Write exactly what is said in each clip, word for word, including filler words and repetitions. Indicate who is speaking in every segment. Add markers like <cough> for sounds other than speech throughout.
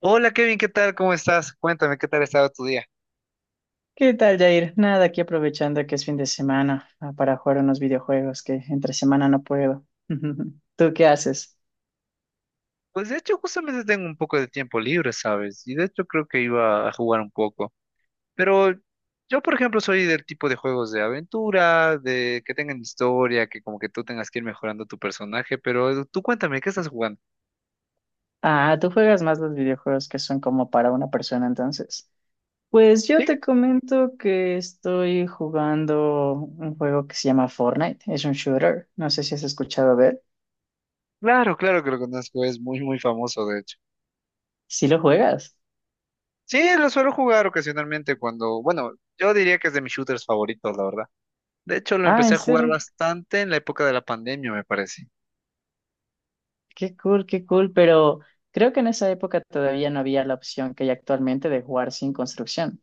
Speaker 1: Hola Kevin, ¿qué tal? ¿Cómo estás? Cuéntame, ¿qué tal ha estado tu día?
Speaker 2: ¿Qué tal, Jair? Nada, aquí aprovechando que es fin de semana ah, para jugar unos videojuegos que entre semana no puedo. <laughs> ¿Tú qué haces?
Speaker 1: Pues de hecho, justamente tengo un poco de tiempo libre, ¿sabes? Y de hecho creo que iba a jugar un poco. Pero yo, por ejemplo, soy del tipo de juegos de aventura, de que tengan historia, que como que tú tengas que ir mejorando tu personaje, pero tú cuéntame, ¿qué estás jugando?
Speaker 2: Ah, tú juegas más los videojuegos que son como para una persona, entonces. Pues yo
Speaker 1: Sí,
Speaker 2: te comento que estoy jugando un juego que se llama Fortnite. Es un shooter. No sé si has escuchado de él.
Speaker 1: claro, claro que lo conozco, es muy, muy famoso, de hecho.
Speaker 2: ¿Sí lo juegas?
Speaker 1: Sí, lo suelo jugar ocasionalmente cuando, bueno, yo diría que es de mis shooters favoritos, la verdad. De hecho, lo
Speaker 2: Ah, ¿en
Speaker 1: empecé a jugar
Speaker 2: serio?
Speaker 1: bastante en la época de la pandemia, me parece.
Speaker 2: Qué cool, qué cool. Pero creo que en esa época todavía no había la opción que hay actualmente de jugar sin construcción.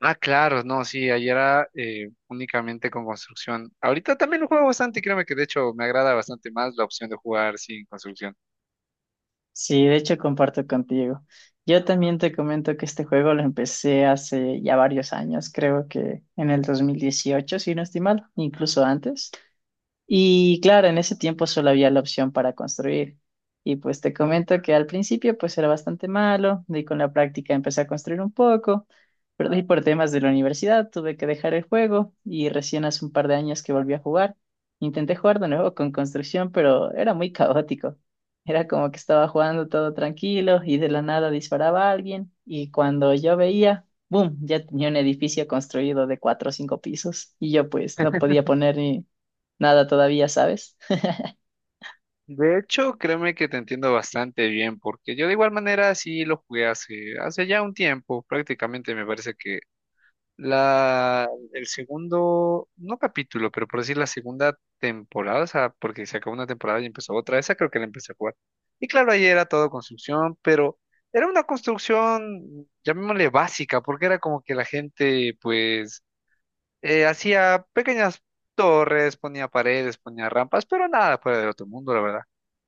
Speaker 1: Ah, claro, no, sí, ayer era eh, únicamente con construcción. Ahorita también lo juego bastante, créeme que de hecho me agrada bastante más la opción de jugar sin construcción.
Speaker 2: Sí, de hecho comparto contigo. Yo también te comento que este juego lo empecé hace ya varios años, creo que en el dos mil dieciocho, si no estoy mal, incluso antes. Y claro, en ese tiempo solo había la opción para construir. Y pues te comento que al principio pues era bastante malo, y con la práctica empecé a construir un poco, pero de ahí por temas de la universidad tuve que dejar el juego y recién hace un par de años que volví a jugar. Intenté jugar de nuevo con construcción, pero era muy caótico. Era como que estaba jugando todo tranquilo y de la nada disparaba a alguien y cuando yo veía, ¡boom!, ya tenía un edificio construido de cuatro o cinco pisos y yo pues no podía poner ni nada todavía, ¿sabes?
Speaker 1: De hecho, créeme que te entiendo bastante bien, porque yo de igual manera sí lo jugué hace, hace ya un tiempo, prácticamente me parece que la, el segundo, no capítulo, pero por decir la segunda temporada, o sea, porque se acabó una temporada y empezó otra, esa creo que la empecé a jugar. Y claro, ahí era todo construcción, pero era una construcción, llamémosle básica, porque era como que la gente, pues, eh, hacía pequeñas torres, ponía paredes, ponía rampas, pero nada fuera del otro mundo, la verdad.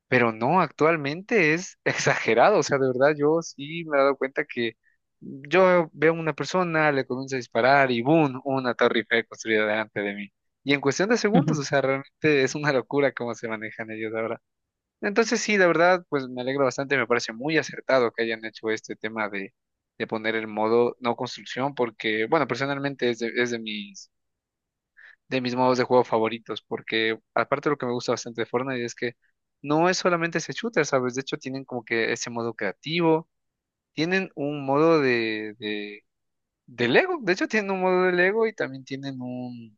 Speaker 1: Pero no, actualmente es <laughs> exagerado, o sea, de verdad yo sí me he dado cuenta que yo veo una persona, le comienzo a disparar y ¡boom! Una torre Eiffel construida delante de mí. Y en cuestión de segundos,
Speaker 2: <laughs>
Speaker 1: o sea, realmente es una locura cómo se manejan ellos ahora. Entonces sí, de verdad, pues me alegro bastante, me parece muy acertado que hayan hecho este tema de, de poner el modo no construcción, porque, bueno, personalmente es de, es de mis de mis modos de juego favoritos, porque aparte lo que me gusta bastante de Fortnite es que no es solamente ese shooter, ¿sabes? De hecho, tienen como que ese modo creativo, tienen un modo de, de, de Lego, de hecho, tienen un modo de Lego y también tienen un,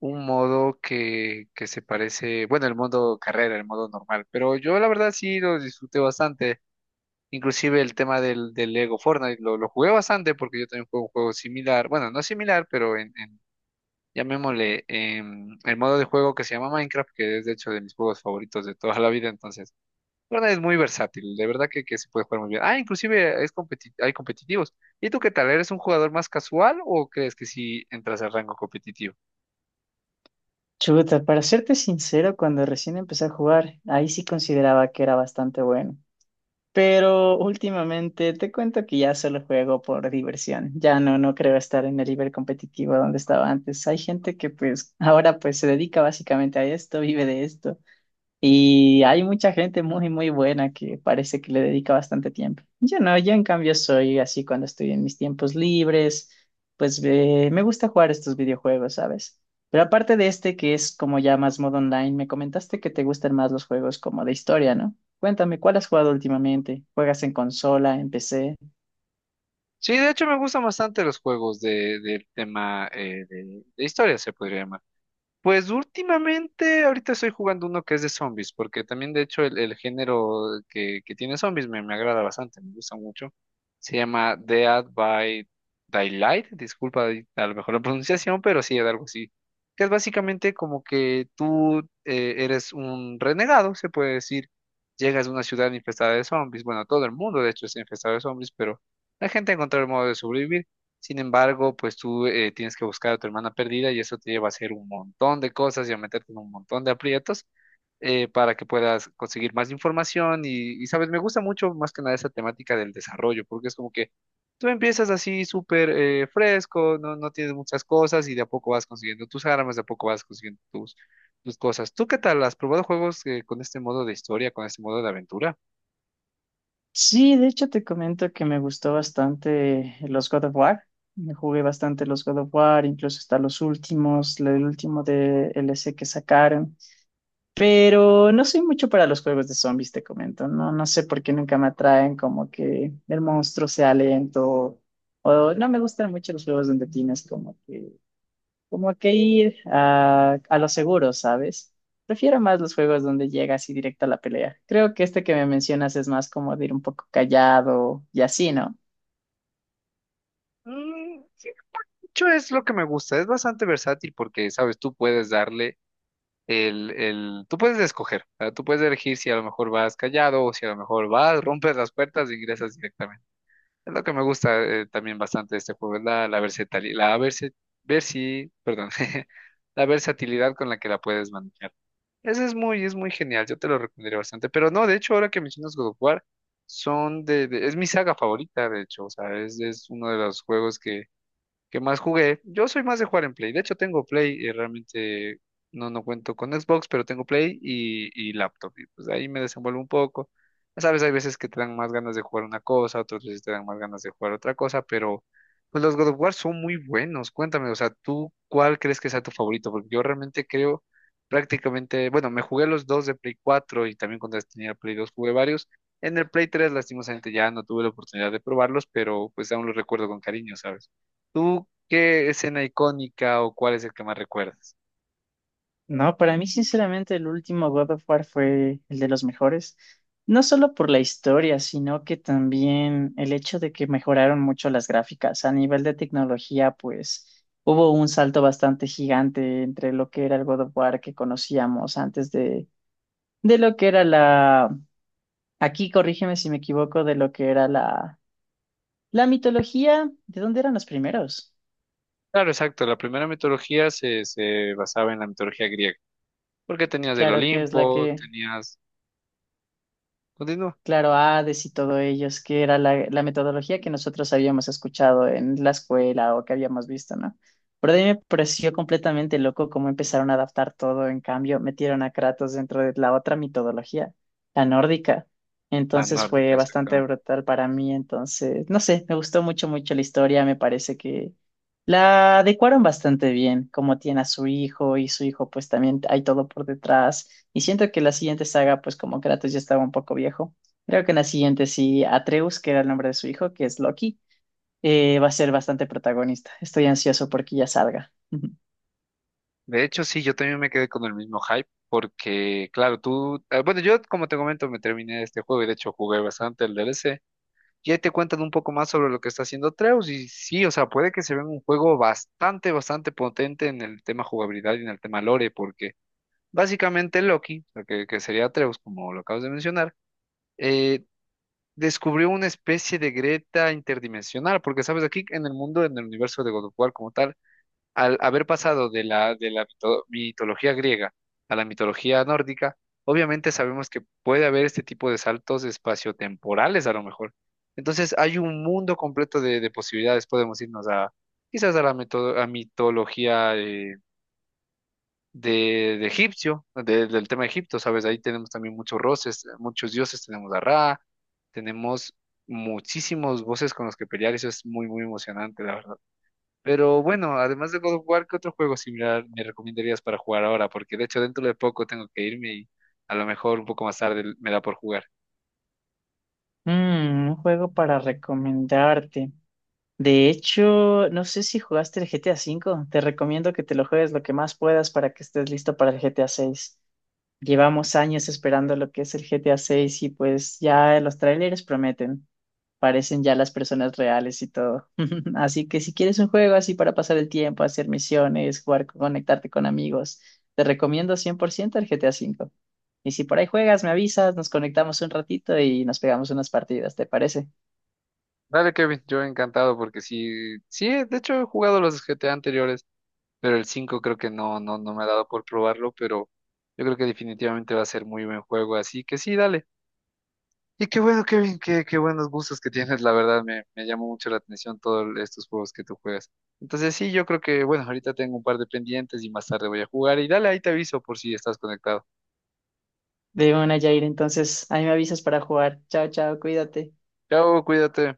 Speaker 1: un modo que, que se parece, bueno, el modo carrera, el modo normal, pero yo la verdad sí lo disfruté bastante. Inclusive el tema del, del Lego Fortnite lo, lo jugué bastante porque yo también juego un juego similar, bueno, no similar, pero en, en llamémosle, em, el modo de juego que se llama Minecraft, que es de hecho de mis juegos favoritos de toda la vida, entonces, bueno, es muy versátil, de verdad que, que se puede jugar muy bien. Ah, inclusive es competi- hay competitivos. ¿Y tú qué tal? ¿Eres un jugador más casual o crees que sí entras al rango competitivo?
Speaker 2: Chuta, para serte sincero, cuando recién empecé a jugar, ahí sí consideraba que era bastante bueno. Pero últimamente te cuento que ya solo juego por diversión. Ya no, no creo estar en el nivel competitivo donde estaba antes. Hay gente que pues ahora pues se dedica básicamente a esto, vive de esto. Y hay mucha gente muy, muy buena que parece que le dedica bastante tiempo. Yo no, yo en cambio soy así cuando estoy en mis tiempos libres, pues eh, me gusta jugar estos videojuegos, ¿sabes? Pero aparte de este que es como ya más modo online, me comentaste que te gustan más los juegos como de historia, ¿no? Cuéntame, ¿cuál has jugado últimamente? ¿Juegas en consola, en P C?
Speaker 1: Sí, de hecho me gustan bastante los juegos de, del tema eh, de, de historia, se podría llamar. Pues últimamente, ahorita estoy jugando uno que es de zombies, porque también de hecho el, el género que, que tiene zombies me, me agrada bastante, me gusta mucho. Se llama Dead by Daylight, disculpa ahí a lo mejor la pronunciación, pero sí, es algo así. Que es básicamente como que tú eh, eres un renegado, se puede decir. Llegas a una ciudad infestada de zombies, bueno, todo el mundo de hecho está infestado de zombies, pero la gente encuentra el modo de sobrevivir. Sin embargo, pues tú eh, tienes que buscar a tu hermana perdida y eso te lleva a hacer un montón de cosas y a meterte en un montón de aprietos eh, para que puedas conseguir más información y, y, sabes, me gusta mucho más que nada esa temática del desarrollo, porque es como que tú empiezas así súper eh, fresco, no, no tienes muchas cosas y de a poco vas consiguiendo tus armas, de a poco vas consiguiendo tus, tus cosas. ¿Tú qué tal? ¿Has probado juegos eh, con este modo de historia, con este modo de aventura?
Speaker 2: Sí, de hecho te comento que me gustó bastante los God of War. Me jugué bastante los God of War, incluso hasta los últimos, el último de L. C. que sacaron. Pero no soy mucho para los juegos de zombies, te comento. No, no sé por qué nunca me atraen, como que el monstruo sea lento. O no me gustan mucho los juegos donde tienes como que como que ir a, a lo seguro, ¿sabes? Prefiero más los juegos donde llega así directo a la pelea. Creo que este que me mencionas es más como de ir un poco callado y así, ¿no?
Speaker 1: Mm, sí, mucho es lo que me gusta, es bastante versátil porque, sabes, tú puedes darle el, el, tú puedes escoger, o sea, tú puedes elegir si a lo mejor vas callado o si a lo mejor vas, rompes las puertas e ingresas directamente. Es lo que me gusta eh, también bastante de este juego, es la, la versatilidad, la versi, versi- perdón, <laughs> la versatilidad con la que la puedes manejar. Ese es muy, es muy genial, yo te lo recomendaría bastante. Pero no, de hecho, ahora que mencionas God of War, son de, de- es mi saga favorita, de hecho, o sea, es, es uno de los juegos que ¿qué más jugué? Yo soy más de jugar en Play. De hecho, tengo Play y realmente no, no cuento con Xbox, pero tengo Play y, y laptop. Y pues ahí me desenvuelvo un poco. Ya sabes, hay veces que te dan más ganas de jugar una cosa, otras veces te dan más ganas de jugar otra cosa, pero pues los God of War son muy buenos. Cuéntame, o sea, ¿tú cuál crees que sea tu favorito? Porque yo realmente creo prácticamente, bueno, me jugué los dos de Play cuatro y también cuando tenía Play dos jugué varios. En el Play tres lastimosamente, ya no tuve la oportunidad de probarlos, pero pues aún los recuerdo con cariño, ¿sabes? ¿Tú qué escena icónica o cuál es el que más recuerdas?
Speaker 2: No, para mí sinceramente el último God of War fue el de los mejores. No solo por la historia, sino que también el hecho de que mejoraron mucho las gráficas. A nivel de tecnología, pues hubo un salto bastante gigante entre lo que era el God of War que conocíamos antes de, de lo que era la Aquí corrígeme si me equivoco de lo que era la, la mitología. ¿De dónde eran los primeros?
Speaker 1: Claro, exacto. La primera mitología se, se basaba en la mitología griega. Porque tenías el
Speaker 2: Claro, que es la
Speaker 1: Olimpo,
Speaker 2: que
Speaker 1: tenías... Continúa.
Speaker 2: Claro, Hades y todo ellos, que era la, la metodología que nosotros habíamos escuchado en la escuela o que habíamos visto, ¿no? Pero a mí me pareció completamente loco cómo empezaron a adaptar todo, en cambio, metieron a Kratos dentro de la otra mitología, la nórdica.
Speaker 1: La
Speaker 2: Entonces fue
Speaker 1: nórdica,
Speaker 2: bastante
Speaker 1: exactamente.
Speaker 2: brutal para mí, entonces, no sé, me gustó mucho, mucho la historia, me parece que la adecuaron bastante bien, como tiene a su hijo y su hijo pues también hay todo por detrás. Y siento que la siguiente saga, pues como Kratos ya estaba un poco viejo. Creo que en la siguiente sí, Atreus, que era el nombre de su hijo, que es Loki, eh, va a ser bastante protagonista. Estoy ansioso porque ya salga. <laughs>
Speaker 1: De hecho, sí, yo también me quedé con el mismo hype. Porque, claro, tú... eh, bueno, yo, como te comento, me terminé este juego y de hecho jugué bastante el D L C. Y ahí te cuentan un poco más sobre lo que está haciendo Treus. Y sí, o sea, puede que se vea un juego bastante, bastante potente en el tema jugabilidad y en el tema lore. Porque básicamente Loki, o sea, que, que sería Treus como lo acabas de mencionar, eh, descubrió una especie de Greta interdimensional, porque sabes, aquí en el mundo, en el universo de God of War como tal, al haber pasado de la, de la mito- mitología griega a la mitología nórdica, obviamente sabemos que puede haber este tipo de saltos espaciotemporales a lo mejor. Entonces hay un mundo completo de, de posibilidades, podemos irnos a quizás a la mito- a mitología eh, de, de egipcio, de- del tema de Egipto, ¿sabes? Ahí tenemos también muchos roces, muchos dioses, tenemos a Ra, tenemos muchísimos voces con los que pelear, eso es muy, muy emocionante, la verdad. Pero bueno, además de God of War, ¿qué otro juego similar me recomendarías para jugar ahora? Porque de hecho dentro de poco tengo que irme y a lo mejor un poco más tarde me da por jugar.
Speaker 2: Mm, un juego para recomendarte. De hecho, no sé si jugaste el G T A cinco. Te recomiendo que te lo juegues lo que más puedas para que estés listo para el G T A seis. Llevamos años esperando lo que es el G T A seis y pues ya los trailers prometen. Parecen ya las personas reales y todo. <laughs> Así que si quieres un juego así para pasar el tiempo, hacer misiones, jugar, conectarte con amigos, te recomiendo cien por ciento el G T A cinco. Y si por ahí juegas, me avisas, nos conectamos un ratito y nos pegamos unas partidas, ¿te parece?
Speaker 1: Dale, Kevin, yo encantado porque sí, sí, de hecho he jugado los G T A anteriores. Pero el cinco creo que no, no, no me ha dado por probarlo, pero yo creo que definitivamente va a ser muy buen juego, así que sí, dale. Y qué bueno, Kevin, qué, qué buenos gustos que tienes, la verdad, me, me llamó mucho la atención todos estos juegos que tú juegas. Entonces sí, yo creo que, bueno, ahorita tengo un par de pendientes y más tarde voy a jugar y dale, ahí te aviso por si estás conectado.
Speaker 2: De una, Jair, entonces ahí me avisas para jugar. Chao, chao, cuídate.
Speaker 1: Chao, cuídate.